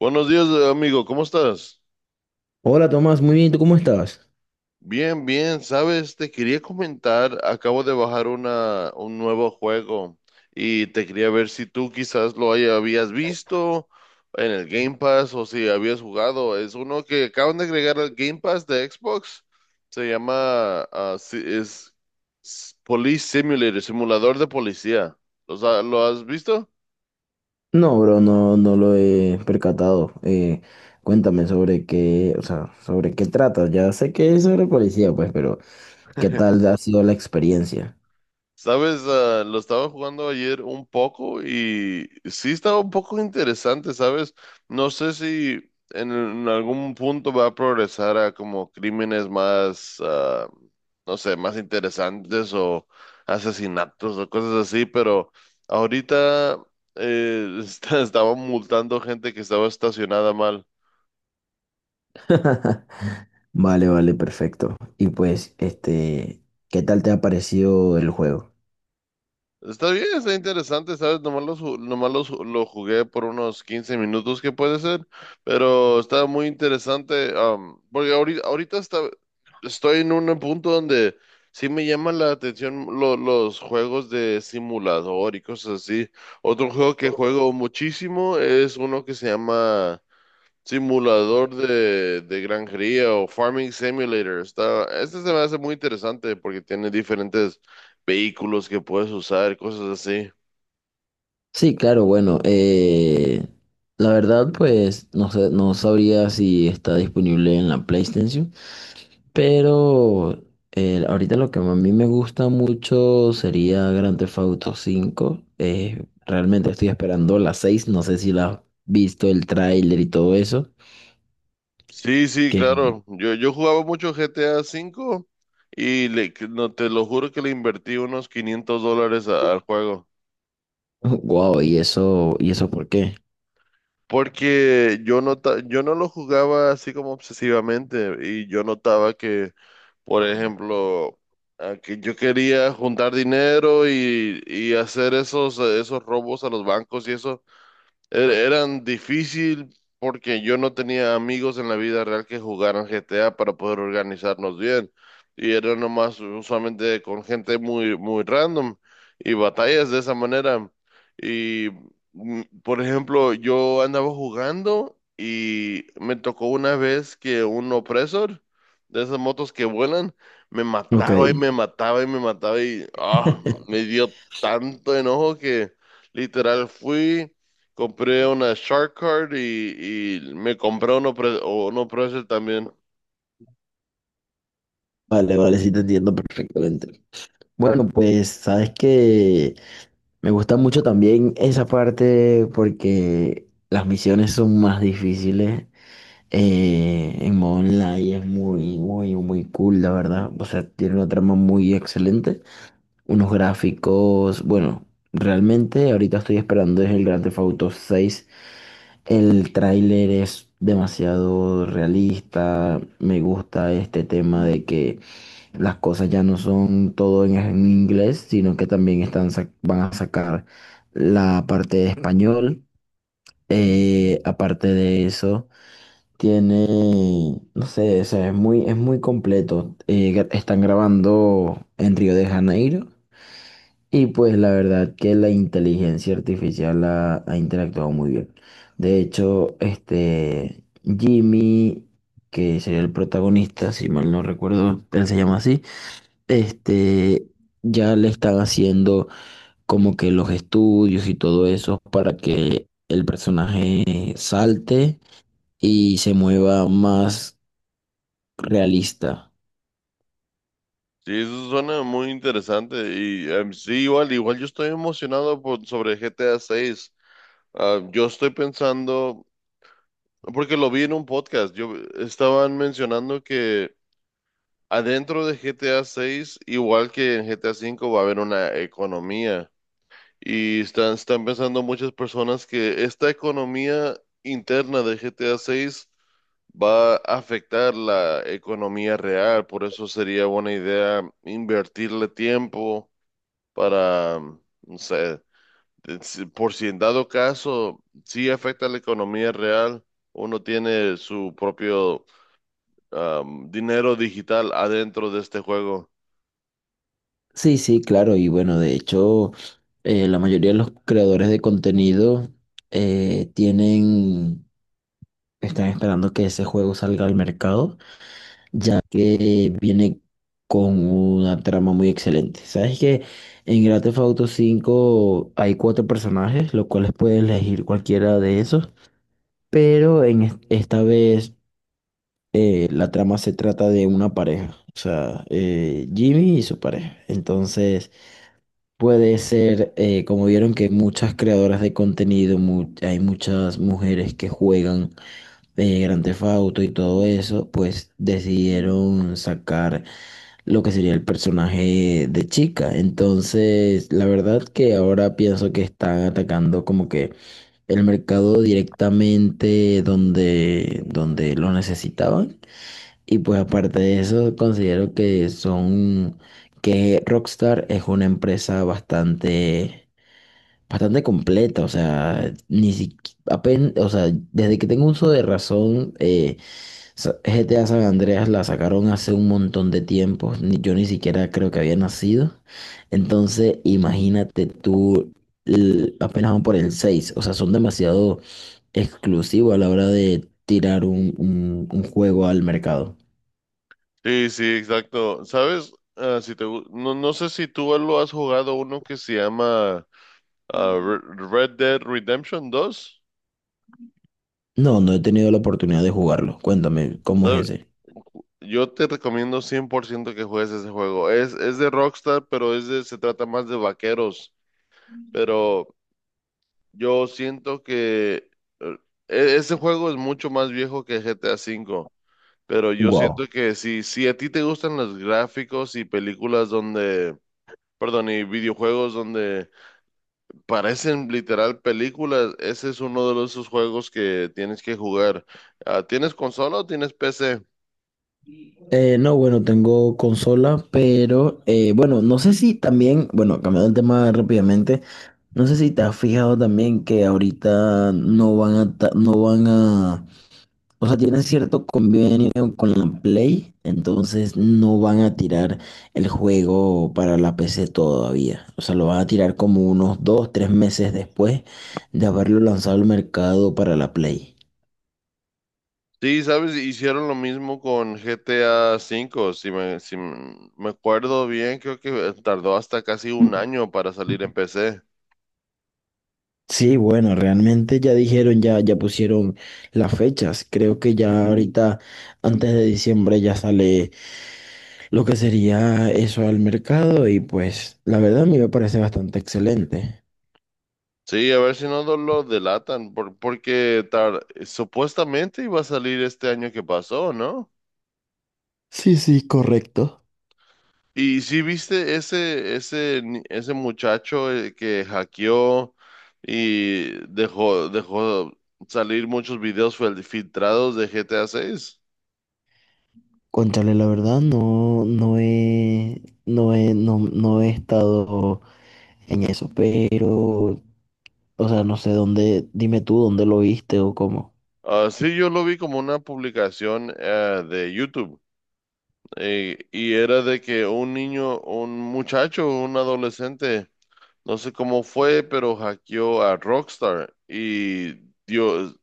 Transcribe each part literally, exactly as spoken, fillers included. Buenos días, amigo, ¿cómo estás? Hola Tomás, muy bien, ¿tú cómo estás? Bien, bien, sabes, te quería comentar, acabo de bajar una, un nuevo juego y te quería ver si tú quizás lo haya- habías visto en el Game Pass o si habías jugado. Es uno que acaban de agregar al Game Pass de Xbox. Se llama, ah, si- es s- Police Simulator, simulador de policía. ¿Los ha- ¿Lo has visto? No, bro, no, no lo he percatado. Eh, cuéntame sobre qué, o sea, sobre qué trata. Ya sé que es sobre policía, pues, pero ¿qué tal ha sido la experiencia? Sabes, Ah, lo estaba jugando ayer un poco y sí estaba un poco interesante, ¿sabes? No sé si en, en algún punto va a progresar a como crímenes más, ah, no sé, más interesantes o asesinatos o cosas así, pero ahorita eh, está- estaba multando gente que estaba estacionada mal. Vale, vale, perfecto. Y pues, este, ¿qué tal te ha parecido el juego? Está bien, está interesante, ¿sabes? Nomás lo, ju- nomás lo, ju- lo jugué por unos quince minutos, que puede ser, pero está muy interesante, am, porque ahorita, ahorita está, estoy en un punto donde sí me llama la atención lo- los juegos de simulador y cosas así. Otro juego que juego muchísimo es uno que se llama Simulador de, de granjería o Farming Simulator. Está, este se me hace muy interesante porque tiene diferentes vehículos que puedes usar, cosas así. Sí, claro, bueno, eh, la verdad pues no sé, no sabría si está disponible en la PlayStation, pero eh, ahorita lo que a mí me gusta mucho sería Grand Theft Auto cinco. Eh, realmente estoy esperando la seis. No sé si la has visto, el tráiler y todo eso. Sí, sí, Que, claro. Yo, yo jugaba mucho G T A cinco V y le, que- no, te lo juro que le invertí unos quinientos dólares a- al juego. wow, ¿y eso, y eso por qué? Porque yo nota, yo no lo jugaba así como obsesivamente y yo notaba que, por ejemplo, a que yo quería juntar dinero y, y hacer esos, esos robos a los bancos y eso. Er- Eran difícil porque yo no tenía amigos en la vida real que jugaran G T A para poder organizarnos bien. Y era nomás usualmente con gente muy, muy random y batallas de esa manera. Y, mm, por ejemplo, yo andaba jugando y me tocó una vez que un opresor de esas motos que vuelan me Ok. mataba y me mataba y me mataba y ah, me dio tanto enojo que literal fui. Compré una Shark Card y, y me compré uno, pre- o uno Pressel también. Vale, vale, sí te entiendo perfectamente. Bueno, pues sabes que me gusta mucho también esa parte porque las misiones son más difíciles. Eh, en modo online es muy, muy, muy cool, la verdad. O sea, tiene una trama muy excelente. Unos gráficos, bueno, realmente ahorita estoy esperando es el Grand Theft Auto seis. El tráiler es demasiado realista. Me gusta este tema de que las cosas ya no son todo en, en inglés, sino que también están, sac- van a sacar la parte de español. Eh, aparte de eso. Tiene, no sé, o sea, es muy, es muy completo. Eh, gra- están grabando en Río de Janeiro y pues la verdad que la inteligencia artificial ha, ha interactuado muy bien. De hecho, este Jimmy, que sería el protagonista, si mal no recuerdo, él se llama así, este, ya le están haciendo como que los estudios y todo eso para que el personaje salte y se mueva más realista. Sí, eso suena muy interesante. Y em, sí, igual, igual yo estoy emocionado por, sobre G T A seis. Yo estoy pensando, porque lo vi en un podcast, yo estaban mencionando que adentro de G T A seis, igual que en G T A cinco, va a haber una economía. Y están, están pensando muchas personas que esta economía interna de G T A seis va a afectar la economía real, por eso sería buena idea invertirle tiempo para, mm, no sé, de- si- por si en dado caso sí afecta a la economía real, uno tiene su propio am, dinero digital adentro de este juego. Sí, sí, claro. Y bueno, de hecho, eh, la mayoría de los creadores de contenido eh, tienen, están esperando que ese juego salga al mercado, ya que viene con una trama muy excelente. Sabes que en Grand Theft Auto cinco hay cuatro personajes, los cuales puedes elegir cualquiera de esos, pero en es- esta vez eh, la trama se trata de una pareja, o sea, eh, Jimmy y su pareja. Entonces. Puede ser, eh, como vieron que muchas creadoras de contenido, mu- hay muchas mujeres que juegan eh, Grand Theft Auto y todo eso, pues decidieron sacar lo que sería el personaje de chica. Entonces, la verdad que ahora pienso que están atacando como que el mercado directamente donde, donde lo necesitaban. Y pues aparte de eso, considero que son, que Rockstar es una empresa bastante bastante completa, o sea, ni apenas, o sea, desde que tengo uso de razón, eh, sa- G T A San Andreas la sacaron hace un montón de tiempo, ni- yo ni siquiera creo que había nacido, entonces imagínate tú, l- apenas van por el seis, o sea, son demasiado exclusivos a la hora de tirar un, un un juego al mercado. Sí, sí, exacto. ¿Sabes? Ah, si te, gu- no, no sé si tú lo has jugado uno que se llama ah, Re- Red Dead Redemption dos. No, no he tenido la oportunidad de jugarlo, cuéntame, ¿cómo ¿Sabe? es ese? Yo te recomiendo cien por ciento que juegues ese juego. Es, es de Rockstar, pero es de, se trata más de vaqueros. Pero yo siento que eh, e- ese juego es mucho más viejo que GTA cinco. Pero yo siento Wow. que si, si a ti te gustan los gráficos y películas donde, perdón, y videojuegos donde parecen literal películas. Ese es uno de los- esos juegos que tienes que jugar. Ah, ¿tienes consola o tienes P C? Eh, no, bueno, tengo consola, pero eh, bueno, no sé si también, bueno, cambiando el tema rápidamente, no sé si te has fijado también que ahorita no van a, ta- no van a, o sea, tienen cierto convenio con la Play, entonces no van a tirar el juego para la P C todavía, o sea, lo van a tirar como unos dos, tres meses después de haberlo lanzado al mercado para la Play. Sí, sabes, hicieron lo mismo con GTA cinco. Si me, si m- me acuerdo bien, creo que tardó hasta casi un año para salir en P C. Sí, bueno, realmente ya dijeron, ya, ya pusieron las fechas. Creo que ya ahorita, antes de diciembre, ya sale lo que sería eso al mercado y pues la verdad a mí me parece bastante excelente. Sí, a ver si no lo lo delatan, por- porque tar- supuestamente iba a salir este año que pasó, ¿no? Sí, sí, correcto. Y si viste ese, ese, ni- ese muchacho eh, que hackeó y dejó, dejó salir muchos videos fel- filtrados de G T A seis. Contarle la verdad, no, no he, no he, no, no he estado en eso, pero, o sea, no sé dónde, dime tú dónde lo viste o cómo. Ah, sí, yo lo vi como una publicación eh, de YouTube eh, y era de que un niño, un muchacho, un adolescente, no sé cómo fue, pero hackeó a Rockstar y dio,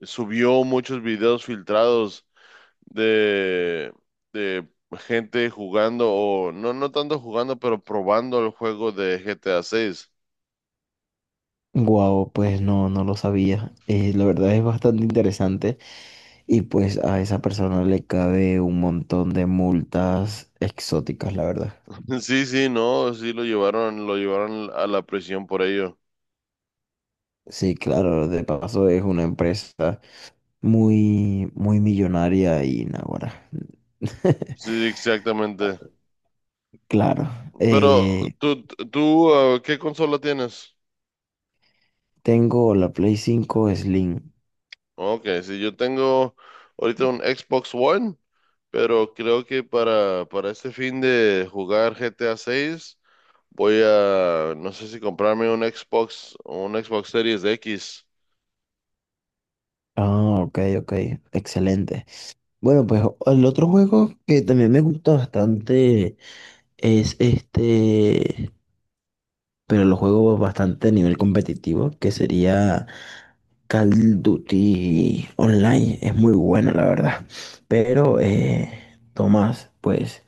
subió muchos videos filtrados de, de gente jugando, o no, no tanto jugando, pero probando el juego de G T A seis. Guau, pues no, no lo sabía. Eh, la verdad es bastante interesante. Y pues a esa persona le cabe un montón de multas exóticas, la verdad. Sí, sí, no, sí lo llevaron, lo llevaron a la prisión por ello. Sí, claro, de paso es una empresa muy, muy millonaria y naguará. Sí, exactamente. Claro, Pero eh, tú, tú, uh, ¿qué consola tienes? tengo la Play cinco Slim. Ok, sí, yo tengo ahorita un Xbox One, pero creo que para, para este fin de jugar G T A seis voy a, no sé si comprarme un Xbox, un Xbox Series X. Ah, ok, ok, excelente. Bueno, pues el otro juego que también me gusta bastante es este, pero lo juego bastante a nivel competitivo, que sería Call of Duty Online es muy bueno, la verdad. Pero, eh, Tomás, pues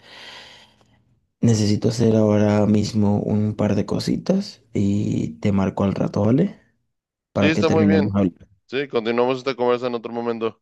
necesito hacer ahora mismo un par de cositas y te marco al rato, ¿vale? Sí, Para que está muy bien. terminemos hablando. Sí, continuamos esta conversa en otro momento.